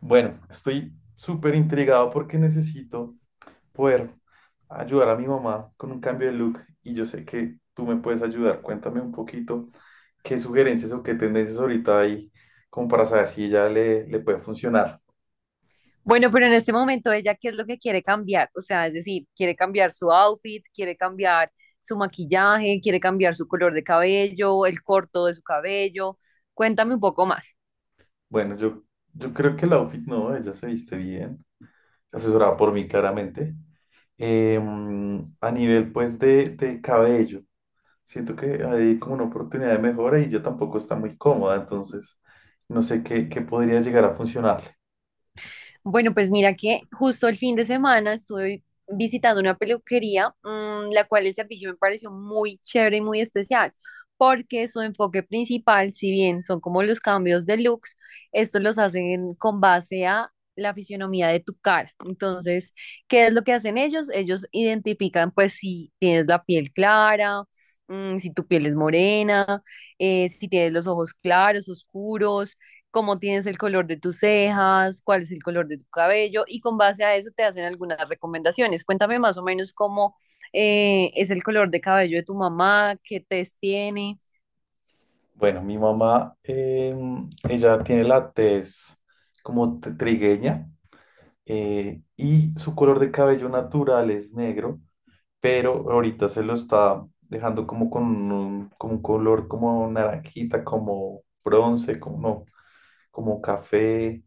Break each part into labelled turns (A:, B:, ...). A: Bueno, estoy súper intrigado porque necesito poder ayudar a mi mamá con un cambio de look y yo sé que tú me puedes ayudar. Cuéntame un poquito qué sugerencias o qué tendencias ahorita hay como para saber si ella le puede funcionar.
B: Bueno, pero en este momento ella, ¿qué es lo que quiere cambiar? O sea, es decir, quiere cambiar su outfit, quiere cambiar su maquillaje, quiere cambiar su color de cabello, el corto de su cabello. Cuéntame un poco más.
A: Bueno, yo creo que el outfit no, ella se viste bien, asesorada por mí claramente. A nivel pues de cabello. Siento que hay como una oportunidad de mejora y yo tampoco está muy cómoda, entonces no sé qué podría llegar a funcionarle.
B: Bueno, pues mira que justo el fin de semana estuve visitando una peluquería, la cual el servicio me pareció muy chévere y muy especial, porque su enfoque principal, si bien son como los cambios de looks, estos los hacen con base a la fisionomía de tu cara. Entonces, ¿qué es lo que hacen ellos? Ellos identifican pues si tienes la piel clara, si tu piel es morena, si tienes los ojos claros, oscuros, cómo tienes el color de tus cejas, cuál es el color de tu cabello y con base a eso te hacen algunas recomendaciones. Cuéntame más o menos cómo es el color de cabello de tu mamá, qué test tiene.
A: Bueno, mi mamá, ella tiene la tez como trigueña, y su color de cabello natural es negro, pero ahorita se lo está dejando como con un, como un color como naranjita, como bronce, como no, como café.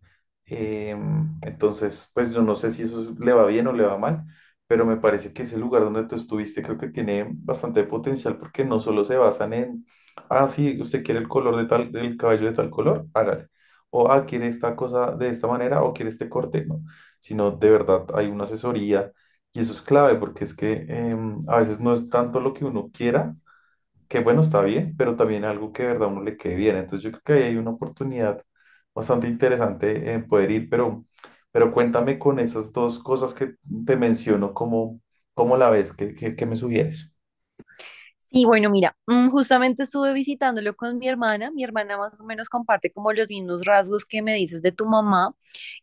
A: Entonces, pues yo no sé si eso le va bien o le va mal, pero me parece que ese lugar donde tú estuviste creo que tiene bastante potencial porque no solo se basan en, ah, sí, usted quiere el color de tal, el cabello de tal color, hágale. O, ah, quiere esta cosa de esta manera o quiere este corte, no, sino de verdad hay una asesoría y eso es clave porque es que a veces no es tanto lo que uno quiera, que bueno, está bien, pero también algo que de verdad a uno le quede bien. Entonces yo creo que ahí hay una oportunidad bastante interesante en poder ir, pero cuéntame con esas dos cosas que te menciono, ¿cómo la ves? ¿Qué me sugieres?
B: Sí, bueno, mira, justamente estuve visitándolo con mi hermana. Mi hermana más o menos comparte como los mismos rasgos que me dices de tu mamá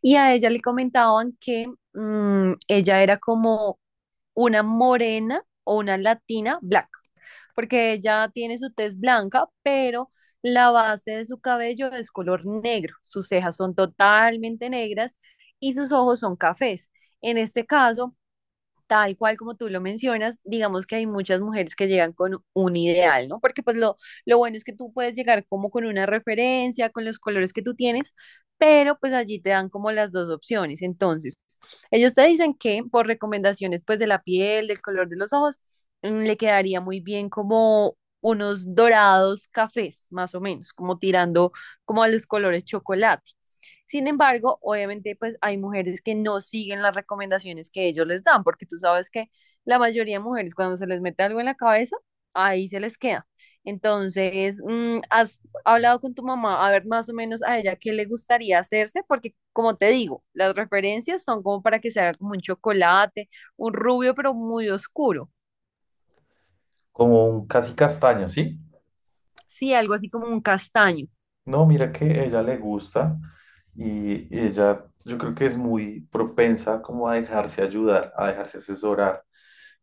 B: y a ella le comentaban que ella era como una morena o una latina blanca, porque ella tiene su tez blanca, pero la base de su cabello es color negro, sus cejas son totalmente negras y sus ojos son cafés. En este caso, tal cual como tú lo mencionas, digamos que hay muchas mujeres que llegan con un ideal, ¿no? Porque lo bueno es que tú puedes llegar como con una referencia, con los colores que tú tienes, pero pues allí te dan como las dos opciones. Entonces, ellos te dicen que por recomendaciones pues de la piel, del color de los ojos, le quedaría muy bien como unos dorados cafés, más o menos, como tirando como a los colores chocolate. Sin embargo, obviamente, pues hay mujeres que no siguen las recomendaciones que ellos les dan, porque tú sabes que la mayoría de mujeres cuando se les mete algo en la cabeza, ahí se les queda. Entonces, ¿has hablado con tu mamá a ver más o menos a ella qué le gustaría hacerse? Porque, como te digo, las referencias son como para que se haga como un chocolate, un rubio, pero muy oscuro.
A: Como un casi castaño, ¿sí?
B: Sí, algo así como un castaño.
A: No, mira que ella le gusta y ella yo creo que es muy propensa como a dejarse ayudar, a dejarse asesorar.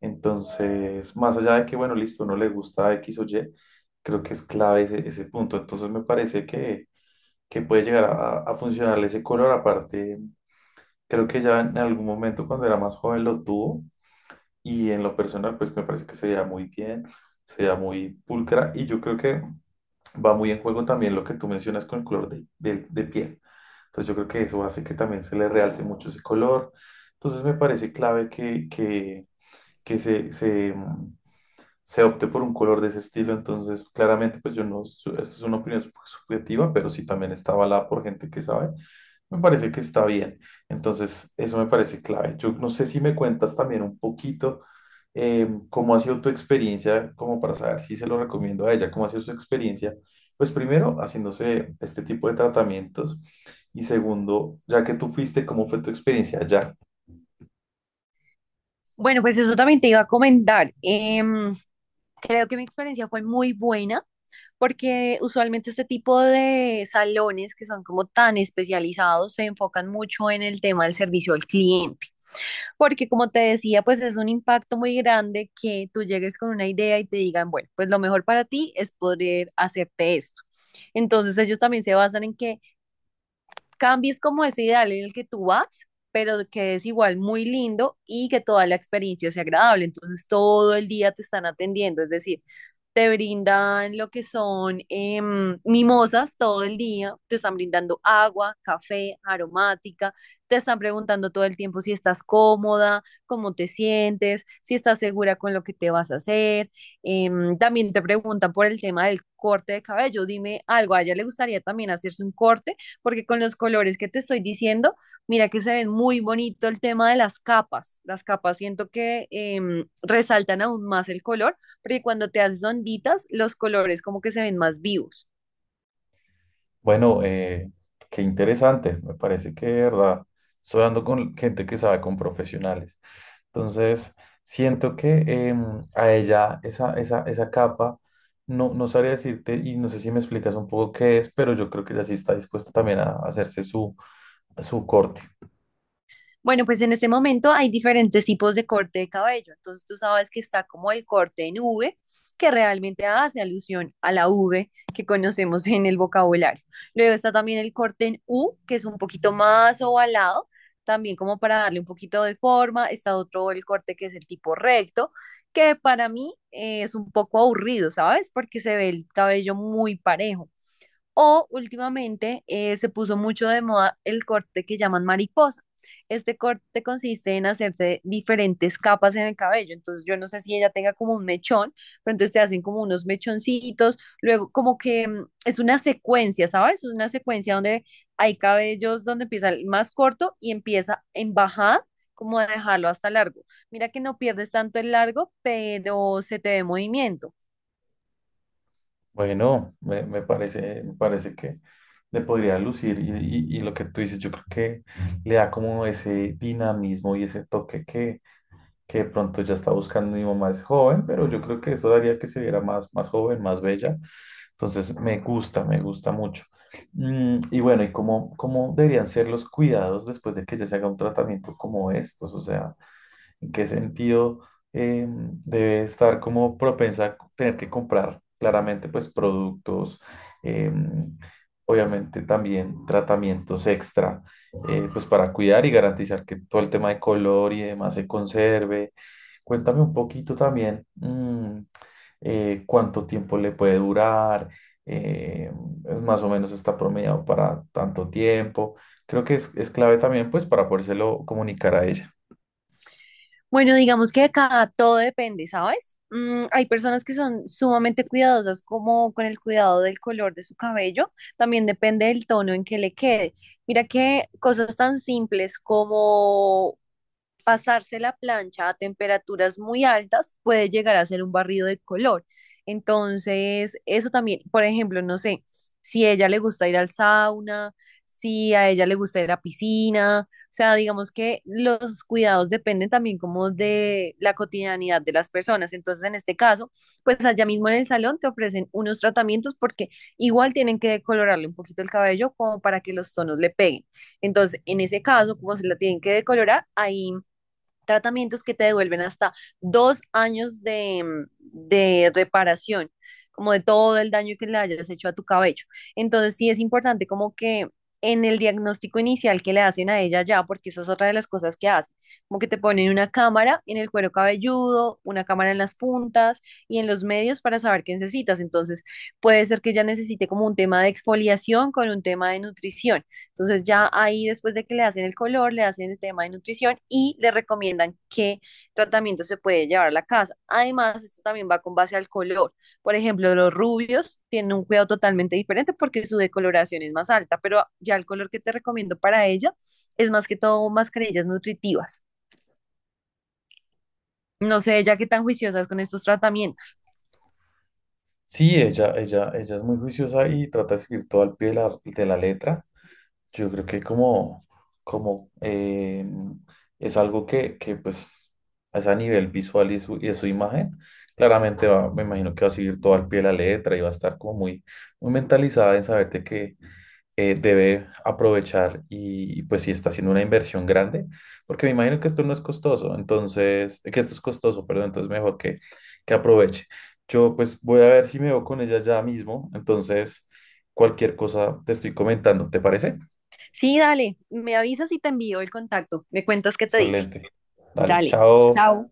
A: Entonces, más allá de que, bueno, listo, no le gusta X o Y, creo que es clave ese punto. Entonces me parece que puede llegar a funcionarle ese color. Aparte, creo que ya en algún momento cuando era más joven lo tuvo y en lo personal pues me parece que se veía muy bien, se veía muy pulcra y yo creo que va muy en juego también lo que tú mencionas con el color de piel. Entonces yo creo que eso hace que también se le realce mucho ese color. Entonces me parece clave que se opte por un color de ese estilo. Entonces claramente pues yo no, esto es una opinión subjetiva, pero sí también está avalada por gente que sabe. Me parece que está bien. Entonces eso me parece clave. Yo no sé si me cuentas también un poquito, ¿cómo ha sido tu experiencia? Como para saber si se lo recomiendo a ella, ¿cómo ha sido su experiencia? Pues primero, haciéndose este tipo de tratamientos y segundo, ya que tú fuiste, ¿cómo fue tu experiencia allá?
B: Bueno, pues eso también te iba a comentar. Creo que mi experiencia fue muy buena porque usualmente este tipo de salones que son como tan especializados se enfocan mucho en el tema del servicio al cliente, porque como te decía, pues es un impacto muy grande que tú llegues con una idea y te digan, bueno, pues lo mejor para ti es poder hacerte esto. Entonces ellos también se basan en que cambies como ese ideal en el que tú vas, pero que es igual muy lindo y que toda la experiencia sea agradable. Entonces todo el día te están atendiendo, es decir, te brindan lo que son mimosas todo el día, te están brindando agua, café, aromática, te están preguntando todo el tiempo si estás cómoda, cómo te sientes, si estás segura con lo que te vas a hacer. Eh, también te preguntan por el tema del corte de cabello, dime algo, ¿a ella le gustaría también hacerse un corte? Porque con los colores que te estoy diciendo, mira que se ven muy bonito el tema de las capas. Las capas siento que resaltan aún más el color, porque cuando te haces onditas, los colores como que se ven más vivos.
A: Bueno, qué interesante. Me parece que de verdad estoy hablando con gente que sabe, con profesionales. Entonces, siento que em, a ella esa capa, no sabría decirte, y no sé si me explicas un poco qué es, pero yo creo que ella sí está dispuesta también a hacerse su corte.
B: Bueno, pues en este momento hay diferentes tipos de corte de cabello. Entonces tú sabes que está como el corte en V, que realmente hace alusión a la V que conocemos en el vocabulario. Luego está también el corte en U, que es un poquito más ovalado, también como para darle un poquito de forma. Está otro el corte que es el tipo recto, que para mí es un poco aburrido, ¿sabes? Porque se ve el cabello muy parejo. O últimamente se puso mucho de moda el corte que llaman mariposa. Este corte consiste en hacerse diferentes capas en el cabello. Entonces yo no sé si ella tenga como un mechón, pero entonces te hacen como unos mechoncitos. Luego como que es una secuencia, ¿sabes? Es una secuencia donde hay cabellos donde empieza el más corto y empieza en bajada, como a dejarlo hasta largo. Mira que no pierdes tanto el largo, pero se te ve movimiento.
A: Bueno, me parece, me parece que le podría lucir y, y lo que tú dices, yo creo que le da como ese dinamismo y ese toque que de pronto ya está buscando. Mi mamá es joven, pero yo creo que eso daría que se viera más, más joven, más bella. Entonces, me gusta mucho. Mm, y bueno, ¿cómo deberían ser los cuidados después de que ya se haga un tratamiento como estos? O sea, ¿en qué sentido debe estar como propensa a tener que comprar claramente pues productos, eh, obviamente también tratamientos extra, pues para cuidar y garantizar que todo el tema de color y demás se conserve? Cuéntame un poquito también, cuánto tiempo le puede durar, eh, es más o menos está promediado para tanto tiempo. Creo que es clave también pues para podérselo comunicar a ella.
B: Bueno, digamos que acá todo depende, ¿sabes? Hay personas que son sumamente cuidadosas como con el cuidado del color de su cabello, también depende del tono en que le quede. Mira que cosas tan simples como pasarse la plancha a temperaturas muy altas puede llegar a ser un barrido de color. Entonces, eso también, por ejemplo, no sé, si a ella le gusta ir al sauna, si a ella le gusta ir a la piscina, o sea, digamos que los cuidados dependen también como de la cotidianidad de las personas. Entonces, en este caso, pues allá mismo en el salón te ofrecen unos tratamientos porque igual tienen que decolorarle un poquito el cabello como para que los tonos le peguen. Entonces, en ese caso, como se la tienen que decolorar, ahí tratamientos que te devuelven hasta 2 años de reparación, como de todo el daño que le hayas hecho a tu cabello. Entonces sí es importante como que en el diagnóstico inicial que le hacen a ella ya, porque esa es otra de las cosas que hacen, como que te ponen una cámara en el cuero cabelludo, una cámara en las puntas y en los medios para saber qué necesitas. Entonces, puede ser que ella necesite como un tema de exfoliación con un tema de nutrición. Entonces ya ahí después de que le hacen el color, le hacen el tema de nutrición y le recomiendan qué tratamiento se puede llevar a la casa. Además, esto también va con base al color. Por ejemplo, los rubios tienen un cuidado totalmente diferente porque su decoloración es más alta, pero ya el color que te recomiendo para ella es más que todo mascarillas nutritivas. No sé, ya qué tan juiciosas con estos tratamientos.
A: Sí, ella es muy juiciosa y trata de seguir todo al pie de de la letra. Yo creo que como, como es algo que pues es a nivel visual y de su imagen, claramente va, me imagino que va a seguir todo al pie de la letra y va a estar como muy, muy mentalizada en saber de que debe aprovechar y pues si está haciendo una inversión grande, porque me imagino que esto no es costoso, entonces, que esto es costoso, perdón, entonces mejor que aproveche. Yo pues voy a ver si me veo con ella ya mismo, entonces cualquier cosa te estoy comentando, ¿te parece?
B: Sí, dale, me avisas y te envío el contacto. Me cuentas qué te dice.
A: Excelente. Dale,
B: Dale,
A: chao.
B: chao.